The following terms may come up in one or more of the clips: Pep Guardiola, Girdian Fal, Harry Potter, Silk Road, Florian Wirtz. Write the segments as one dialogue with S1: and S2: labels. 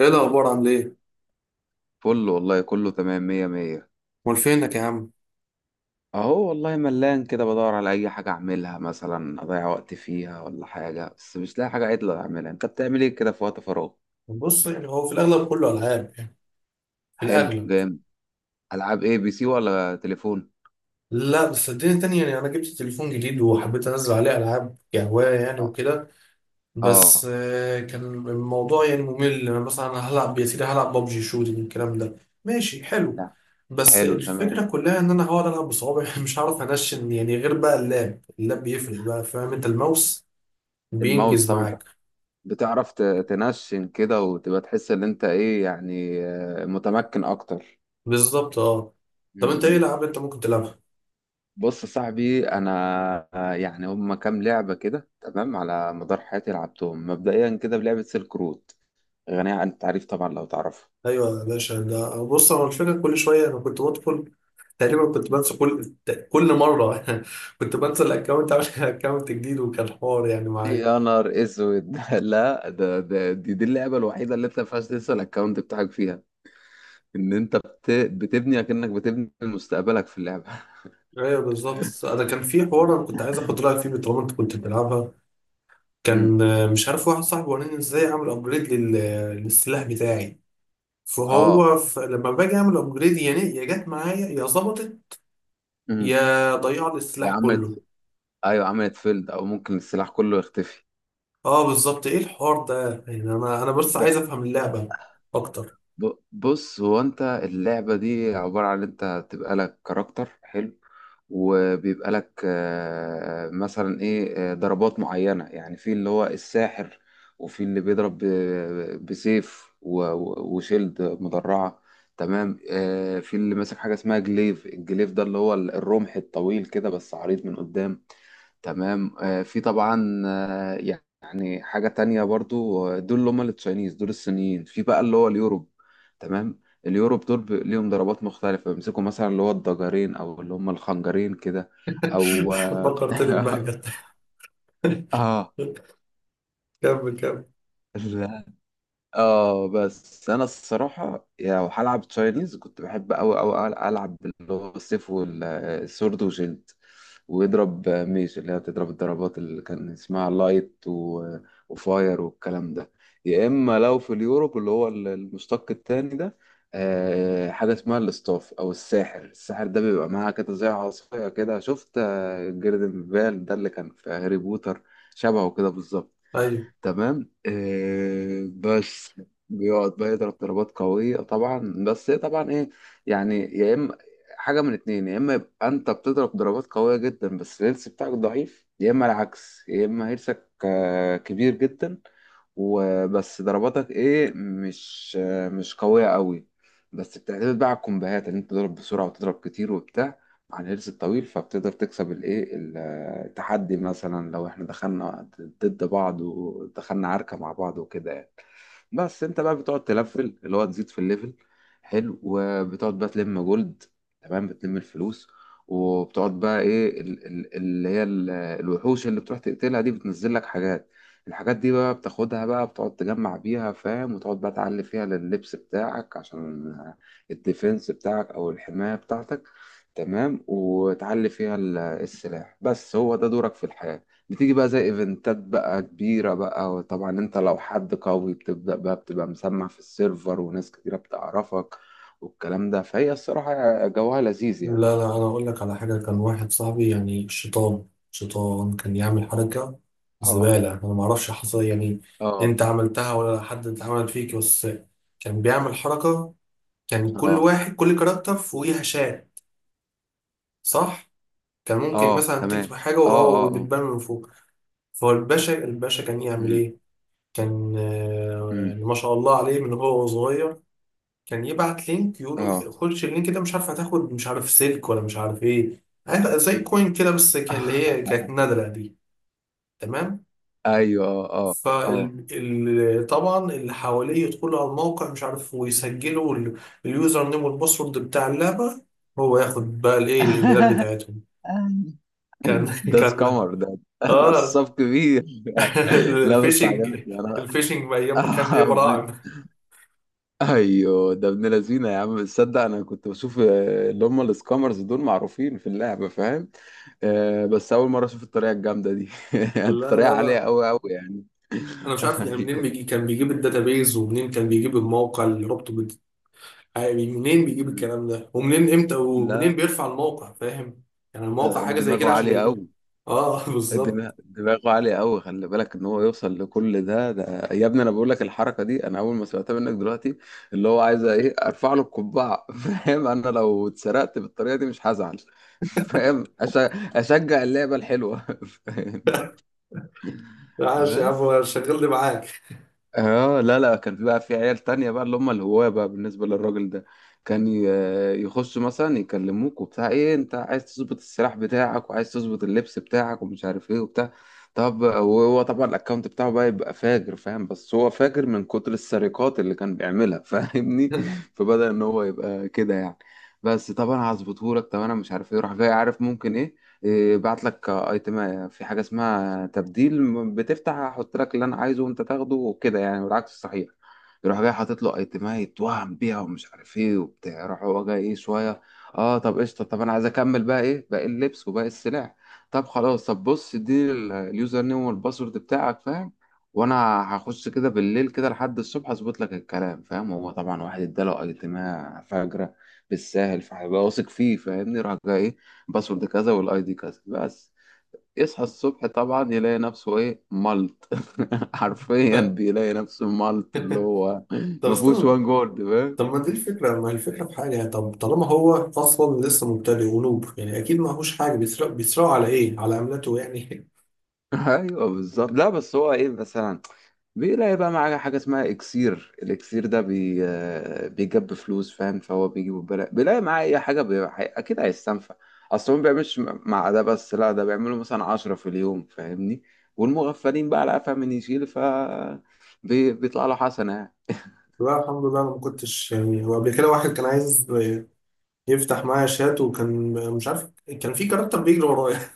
S1: ايه الاخبار، عامل ايه؟
S2: فل والله، كله تمام مية مية.
S1: امال فينك يا عم؟
S2: اهو والله ملان كده بدور على اي حاجة اعملها مثلا، اضيع وقت فيها ولا حاجة، بس مش لاقي حاجة عدلة اعملها. انت بتعمل ايه كده في وقت فراغ؟
S1: بص، يعني هو في الأغلب كله ألعاب يعني. في
S2: حلو
S1: الأغلب.
S2: جامد. العاب ايه، بي سي ولا تليفون؟
S1: لا بس صدقني تاني، يعني أنا جبت تليفون جديد وحبيت أنزل عليه ألعاب كهواية يعني
S2: اه.
S1: وكده. بس
S2: اه.
S1: كان الموضوع يعني ممل. أنا مثلا هلعب يا سيدي، هلعب ببجي شوتنج الكلام ده. ماشي حلو.
S2: نعم.
S1: بس
S2: حلو تمام.
S1: الفكرة كلها إن أنا هقعد ألعب بصوابعي مش هعرف أنشن يعني، غير بقى اللاب بيفرق بقى، فاهم؟ أنت الماوس
S2: الماوس
S1: بينجز
S2: طبعا. أنت
S1: معاك.
S2: بتعرف تنشن كده وتبقى تحس ان انت ايه يعني، متمكن اكتر.
S1: بالظبط، أه. طب أنت إيه ألعاب أنت ممكن تلعبها؟
S2: بص يا صاحبي، انا يعني هم كام لعبه كده تمام على مدار حياتي لعبتهم، مبدئيا كده بلعبه سيلك رود، غنيه عن التعريف طبعا لو تعرفها.
S1: ايوه يا باشا. ده بص هو الفكره كل شويه انا كنت بدخل، تقريبا كنت بنسى كل مره كنت بنسى الاكونت. عامل اكونت جديد، وكان حوار يعني معايا.
S2: يا نهار اسود! لا، ده دي اللعبه الوحيده اللي انت ما ينفعش تنسى الاكونت بتاعك فيها، ان انت بتبني اكنك، بتبني مستقبلك في اللعبه.
S1: ايوه بالظبط. انا كان في حوار انا كنت عايز اخد رايك فيه طالما انت كنت بتلعبها.
S2: امم.
S1: كان مش عارف، واحد صاحبي وراني ازاي اعمل ابجريد للسلاح بتاعي.
S2: اه.
S1: فهو لما باجي اعمل ابجريد، يعني يا جت معايا يا ظبطت
S2: امم.
S1: يا ضيع لي السلاح
S2: يا
S1: كله.
S2: عملت، ايوه، عملت فيلد، او ممكن السلاح كله يختفي.
S1: اه بالظبط. ايه الحوار ده يعني؟ انا بس عايز افهم اللعبه اكتر.
S2: بص، هو انت اللعبة دي عبارة عن انت تبقى لك كاركتر حلو، وبيبقى لك مثلا ايه، ضربات معينة يعني، في اللي هو الساحر، وفي اللي بيضرب بسيف و- و- وشيلد مدرعة. تمام. في اللي ماسك حاجة اسمها جليف، الجليف ده اللي هو الرمح الطويل كده بس عريض من قدام. تمام. آه، في طبعا آه، يعني حاجة تانية برضو، دول اللي هم التشاينيز، دول الصينيين، في بقى اللي هو اليوروب. تمام. اليوروب دول ليهم ضربات مختلفة، بيمسكوا مثلا اللي هو الضجرين، أو اللي هم الخنجرين كده، أو
S1: فكرتني ببهجة. كمل كمل.
S2: آه، اه بس انا الصراحه يعني لو هلعب تشاينيز كنت بحب قوي قوي العب اللي هو السيف والسورد وشيلد، ويضرب ميش اللي هي بتضرب الضربات اللي كان اسمها لايت وفاير والكلام ده. يا اما لو في اليوروب اللي هو المشتق التاني ده، حاجه اسمها الاستاف، او الساحر. الساحر ده بيبقى معاه كده زي عصايه كده، شفت جيردن فال ده اللي كان في هاري بوتر؟ شبهه كده بالظبط.
S1: ايوه.
S2: تمام، آه، بس بيقعد بقى يضرب ضربات قوية طبعا، بس هي طبعا ايه يعني، يا اما حاجة من اتنين: يا اما يبقى انت بتضرب ضربات قوية جدا بس الهيلث بتاعك ضعيف، يا اما العكس، يا اما هيلثك كبير جدا، وبس ضرباتك ايه، مش قوية قوي، بس بتعتمد بقى على الكومبوهات ان انت تضرب بسرعة وتضرب كتير وبتاع، عن الهيلث الطويل، فبتقدر تكسب الايه، التحدي، مثلا لو احنا دخلنا ضد بعض ودخلنا عركة مع بعض وكده يعني. بس انت بقى بتقعد تلفل، اللي هو تزيد في الليفل. حلو. وبتقعد بقى تلم جولد، تمام، بتلم الفلوس، وبتقعد بقى ايه، الوحوش اللي بتروح تقتلها دي بتنزل لك حاجات. الحاجات دي بقى بتاخدها، بقى بتقعد تجمع بيها، فاهم، وتقعد بقى تعلي فيها لللبس بتاعك، عشان الديفنس بتاعك او الحماية بتاعتك. تمام. وتعلي فيها السلاح. بس هو ده دورك في الحياة. بتيجي بقى زي ايفنتات بقى كبيرة بقى، وطبعا انت لو حد قوي بتبدأ بقى بتبقى مسمع في السيرفر وناس كتيرة بتعرفك والكلام ده، فهي الصراحة جوها لذيذ يعني.
S1: لا لا، انا اقول لك على حاجه. كان واحد صاحبي يعني شيطان، كان يعمل حركه
S2: اه.
S1: زباله، انا ما اعرفش حصل إيه يعني.
S2: اه
S1: انت عملتها ولا حد عملت فيك؟ بس كان بيعمل حركه. كان كل
S2: اه.
S1: واحد، كل كاركتر فوقيها شاه، صح؟ كان ممكن
S2: اه
S1: مثلا تكتب
S2: تمام.
S1: حاجه
S2: اه
S1: وهو
S2: اه اه.
S1: وبتبان من فوق. فالباشا، الباشا كان يعمل
S2: امم.
S1: ايه؟ كان
S2: امم.
S1: ما شاء الله عليه من هو صغير، كان يبعت لينك، يقول
S2: اه.
S1: خش اللينك ده، مش عارف هتاخد، مش عارف سلك، ولا مش عارف ايه. عارف زي كوين كده، بس كان اللي هي كانت نادرة دي. تمام.
S2: ايوه. اه اه
S1: فطبعا اللي حواليه يدخلوا على الموقع مش عارف ويسجلوا اليوزر نيم والباسورد بتاع اللعبة. هو ياخد بقى الايه، الايميلات
S2: اه.
S1: بتاعتهم. كان
S2: ده
S1: كان.
S2: سكامر ده،
S1: اه.
S2: نصاب كبير. لا بس
S1: الفيشنج،
S2: عجبتني. انا
S1: الفيشنج ايام ما كان ايه، براعم.
S2: ايوه، ده ابن لذينه يا عم. تصدق انا كنت بشوف اللي هم السكامرز دول معروفين في اللعبه، فاهم، بس اول مره اشوف الطريقه الجامده دي.
S1: لا
S2: الطريقه
S1: لا
S2: عاليه
S1: لا،
S2: قوي قوي يعني.
S1: انا مش عارف يعني منين
S2: ايوه.
S1: بيجي. كان بيجيب الداتابيز، ومنين كان بيجيب الموقع اللي ربطه؟ يعني منين بيجيب الكلام ده، ومنين، امتى، ومنين
S2: لا
S1: بيرفع الموقع، فاهم؟ يعني
S2: ده،
S1: الموقع حاجه زي
S2: دماغه
S1: كده عشان
S2: عاليه
S1: يجي لك.
S2: قوي.
S1: اه بالظبط.
S2: دماغه عالية قوي. خلي بالك ان هو يوصل لكل ده، ده، يا ابني، انا بقول لك الحركة دي انا اول ما سمعتها منك دلوقتي. اللي هو عايز ايه، ارفع له القبعة. فاهم، انا لو اتسرقت بالطريقة دي مش هزعل. فاهم؟ اشجع اللعبة الحلوة. فاهمني؟
S1: عاش يا
S2: بس.
S1: عم، شغلني معاك.
S2: اه. لا لا، كان في بقى في عيال تانية بقى، اللي هم الهواة بقى بالنسبة للراجل ده، كان يخشوا مثلا يكلموك وبتاع: ايه، انت عايز تظبط السلاح بتاعك، وعايز تظبط اللبس بتاعك ومش عارف ايه وبتاع. طب وهو طبعا الاكونت بتاعه بقى يبقى فاجر، فاهم، بس هو فاجر من كتر السرقات اللي كان بيعملها، فاهمني، فبدأ ان هو يبقى كده يعني. بس طب انا هظبطهولك، طب انا مش عارف ايه، راح جاي: عارف ممكن ايه، إيه، بعت لك ايتم في حاجه اسمها تبديل، بتفتح احط لك اللي انا عايزه وانت تاخده وكده يعني، والعكس صحيح. يروح جاي حاطط له ايتمها، يتوهم بيها ومش عارف ايه وبتاع. يروح هو جاي ايه شويه: اه طب قشطه، طب انا عايز اكمل بقى ايه باقي اللبس وباقي السلع. طب خلاص، طب بص اديني اليوزر نيم والباسورد بتاعك، فاهم، وانا هخش كده بالليل كده لحد الصبح اظبط لك الكلام، فاهم. هو طبعا واحد اداله ايتمها فجره بالساهل، فهيبقى واثق فيه، فاهمني، راح جاي: إيه، باسورد كذا والاي دي كذا. بس يصحى الصبح طبعا يلاقي نفسه ايه، مالت. حرفيا بيلاقي نفسه مالت، اللي هو
S1: طب
S2: ما فيهوش
S1: استنى.
S2: وان جولد، فاهم.
S1: طب ما دي الفكره، ما هي الفكره في حاجه. طب طالما هو اصلا لسه مبتدئ ونوب يعني، اكيد ما هوش حاجه. بيسرق، بيسرقوا على ايه، على عملته يعني؟
S2: ايوه بالظبط. لا بس هو ايه، مثلا بيلاقي بقى معاه حاجه اسمها اكسير، الاكسير ده بي آه، بيجيب فلوس، فاهم، فهو بيجي ببلاش بيلاقي معاه اي حاجه، اكيد هيستنفع. اصل هو ما بيعملش مع ده بس، لا، ده بيعملوا مثلا عشرة في اليوم، فاهمني، والمغفلين بقى لا، فاهم، من يشيل ف بيطلع له حسنه يعني.
S1: لا الحمد لله انا ما كنتش يعني. هو قبل كده واحد كان عايز يفتح معايا شات وكان مش عارف. كان في كاركتر بيجري ورايا،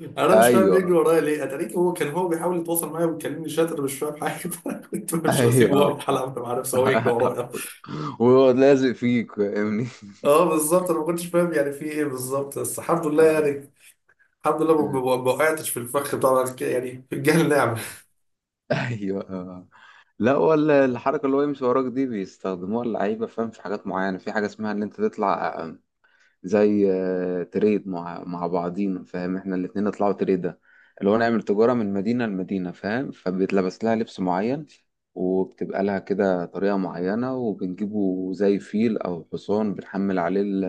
S1: انا مش فاهم بيجري
S2: ايوه.
S1: ورايا ليه. اتاريك هو كان، هو بيحاول يتواصل معايا وبيكلمني شاطر، مش فاهم حاجه فانا كنت مش، واسيبه
S2: ايوه.
S1: واروح العب مع نفسي وهو يجري ورايا.
S2: وهو لازق فيك فاهمني.
S1: اه بالظبط، انا ما كنتش فاهم يعني في ايه بالظبط، بس الحمد لله
S2: آه.
S1: يعني. الحمد لله ما وقعتش في الفخ بتاع بعد كده، يعني في الجهل نعمه.
S2: ايوه. آه. لا، ولا الحركه اللي هو يمشي وراك دي بيستخدموها اللعيبه، فاهم، في حاجات معينه. في حاجه اسمها ان انت تطلع زي تريد، مع بعضينا، فاهم، احنا الاتنين نطلعوا تريدة، اللي هو نعمل تجارة من مدينة لمدينة، فاهم، فبيتلبس لها لبس معين، وبتبقى لها كده طريقة معينة، وبنجيبه زي فيل أو حصان بنحمل عليه ال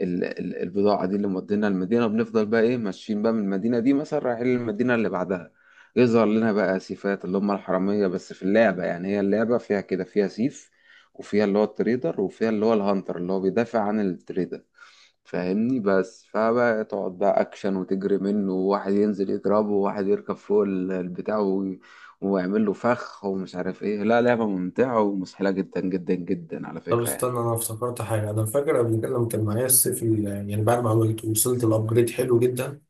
S2: ال ال البضاعة دي اللي مودينا المدينة. بنفضل بقى إيه، ماشيين بقى من المدينة دي مثلا رايحين للمدينة اللي بعدها، يظهر لنا بقى سيفات اللي هم الحرامية بس في اللعبة يعني، هي اللعبة فيها كده، فيها سيف، وفيها اللي هو التريدر، وفيها اللي هو الهانتر اللي هو بيدافع عن التريدر، فاهمني، بس، فبقى تقعد بقى اكشن وتجري منه، وواحد ينزل يضربه، وواحد يركب فوق البتاع، ويعمل له فخ، ومش عارف ايه. لا لعبة ممتعة ومسحلة جدا جدا جدا على
S1: طب
S2: فكرة يعني.
S1: استنى، انا افتكرت حاجه. انا فاكر قبل كده لما كان معايا السيف يعني بعد ما عملت، وصلت الابجريد حلو جدا.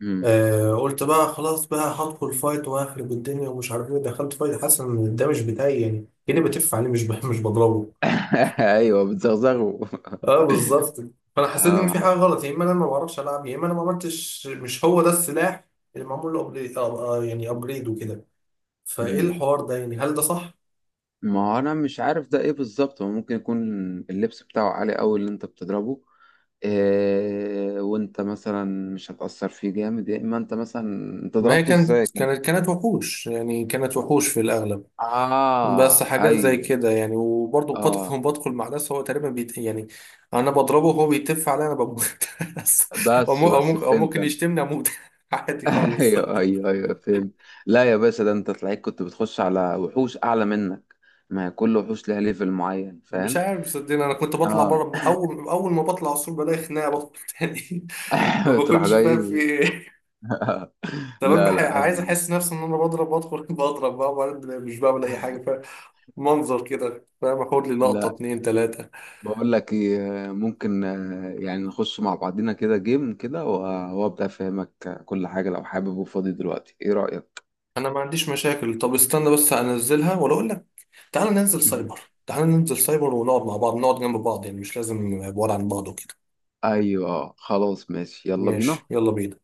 S2: مم.
S1: آه، قلت بقى خلاص بقى هدخل فايت وهخرب الدنيا ومش عارف ايه. دخلت فايت حاسس ان الدمج بتاعي يعني كاني بتف عليه، مش بضربه.
S2: ايوه، بتزغزغه.
S1: اه بالظبط. فانا حسيت ان
S2: اه
S1: في حاجه
S2: ع-
S1: غلط، يا اما انا ما بعرفش العب، يا اما انا ما عملتش، مش هو ده السلاح اللي معمول له يعني ابجريد وكده. فايه
S2: مم.
S1: الحوار ده يعني، هل ده صح؟
S2: ما هو انا مش عارف ده ايه بالظبط، هو ممكن يكون اللبس بتاعه عالي قوي اللي انت بتضربه، إيه، وانت مثلا مش هتأثر فيه جامد، يا اما انت مثلا، انت
S1: ما هي
S2: ضربته ازاي
S1: كانت
S2: كان؟
S1: كانت كانت وحوش يعني، كانت وحوش في الأغلب. بس
S2: اه
S1: حاجات زي
S2: ايوه.
S1: كده يعني، وبرضه
S2: اه.
S1: بدخل مع ناس هو تقريبا بيت يعني. أنا بضربه وهو بيتف عليا، أنا بموت بس. أو
S2: بس
S1: أو
S2: بس
S1: ممكن، أو
S2: فهمت
S1: ممكن
S2: انا.
S1: يشتمني أموت عادي خالص.
S2: ايوه ايوه ايوه فهمت. لا يا باشا، ده انت تلاقيك كنت بتخش على وحوش اعلى منك. ما هي كل وحوش ليها ليفل معين،
S1: مش
S2: فاهم.
S1: عارف صدقني. انا كنت بطلع
S2: اه.
S1: بره، اول ما بطلع السور بلاقي خناقه، بدخل تاني ما
S2: تروح
S1: بكونش فاهم في
S2: جاي.
S1: ايه. تمام.
S2: لا لا
S1: عايز احس نفسي ان انا بضرب. بدخل بضرب بقى وبعدين مش بعمل اي حاجه، فمنظر كده فاهم. اخد لي لقطه
S2: لا.
S1: اتنين تلاته.
S2: بقول لك ايه، ممكن يعني نخش مع بعضينا كده جيم كده، وابدا افهمك كل حاجه لو حابب وفاضي دلوقتي. ايه رايك؟
S1: انا ما عنديش مشاكل. طب استنى بس، انزلها ولا اقول لك؟ تعالى ننزل
S2: مم.
S1: سايبر. تعالى ننزل سايبر ونقعد مع بعض، نقعد جنب بعض، يعني مش لازم بعاد عن بعض وكده.
S2: ايوه خلاص ماشي، يلا
S1: ماشي
S2: بينا.
S1: يلا بينا.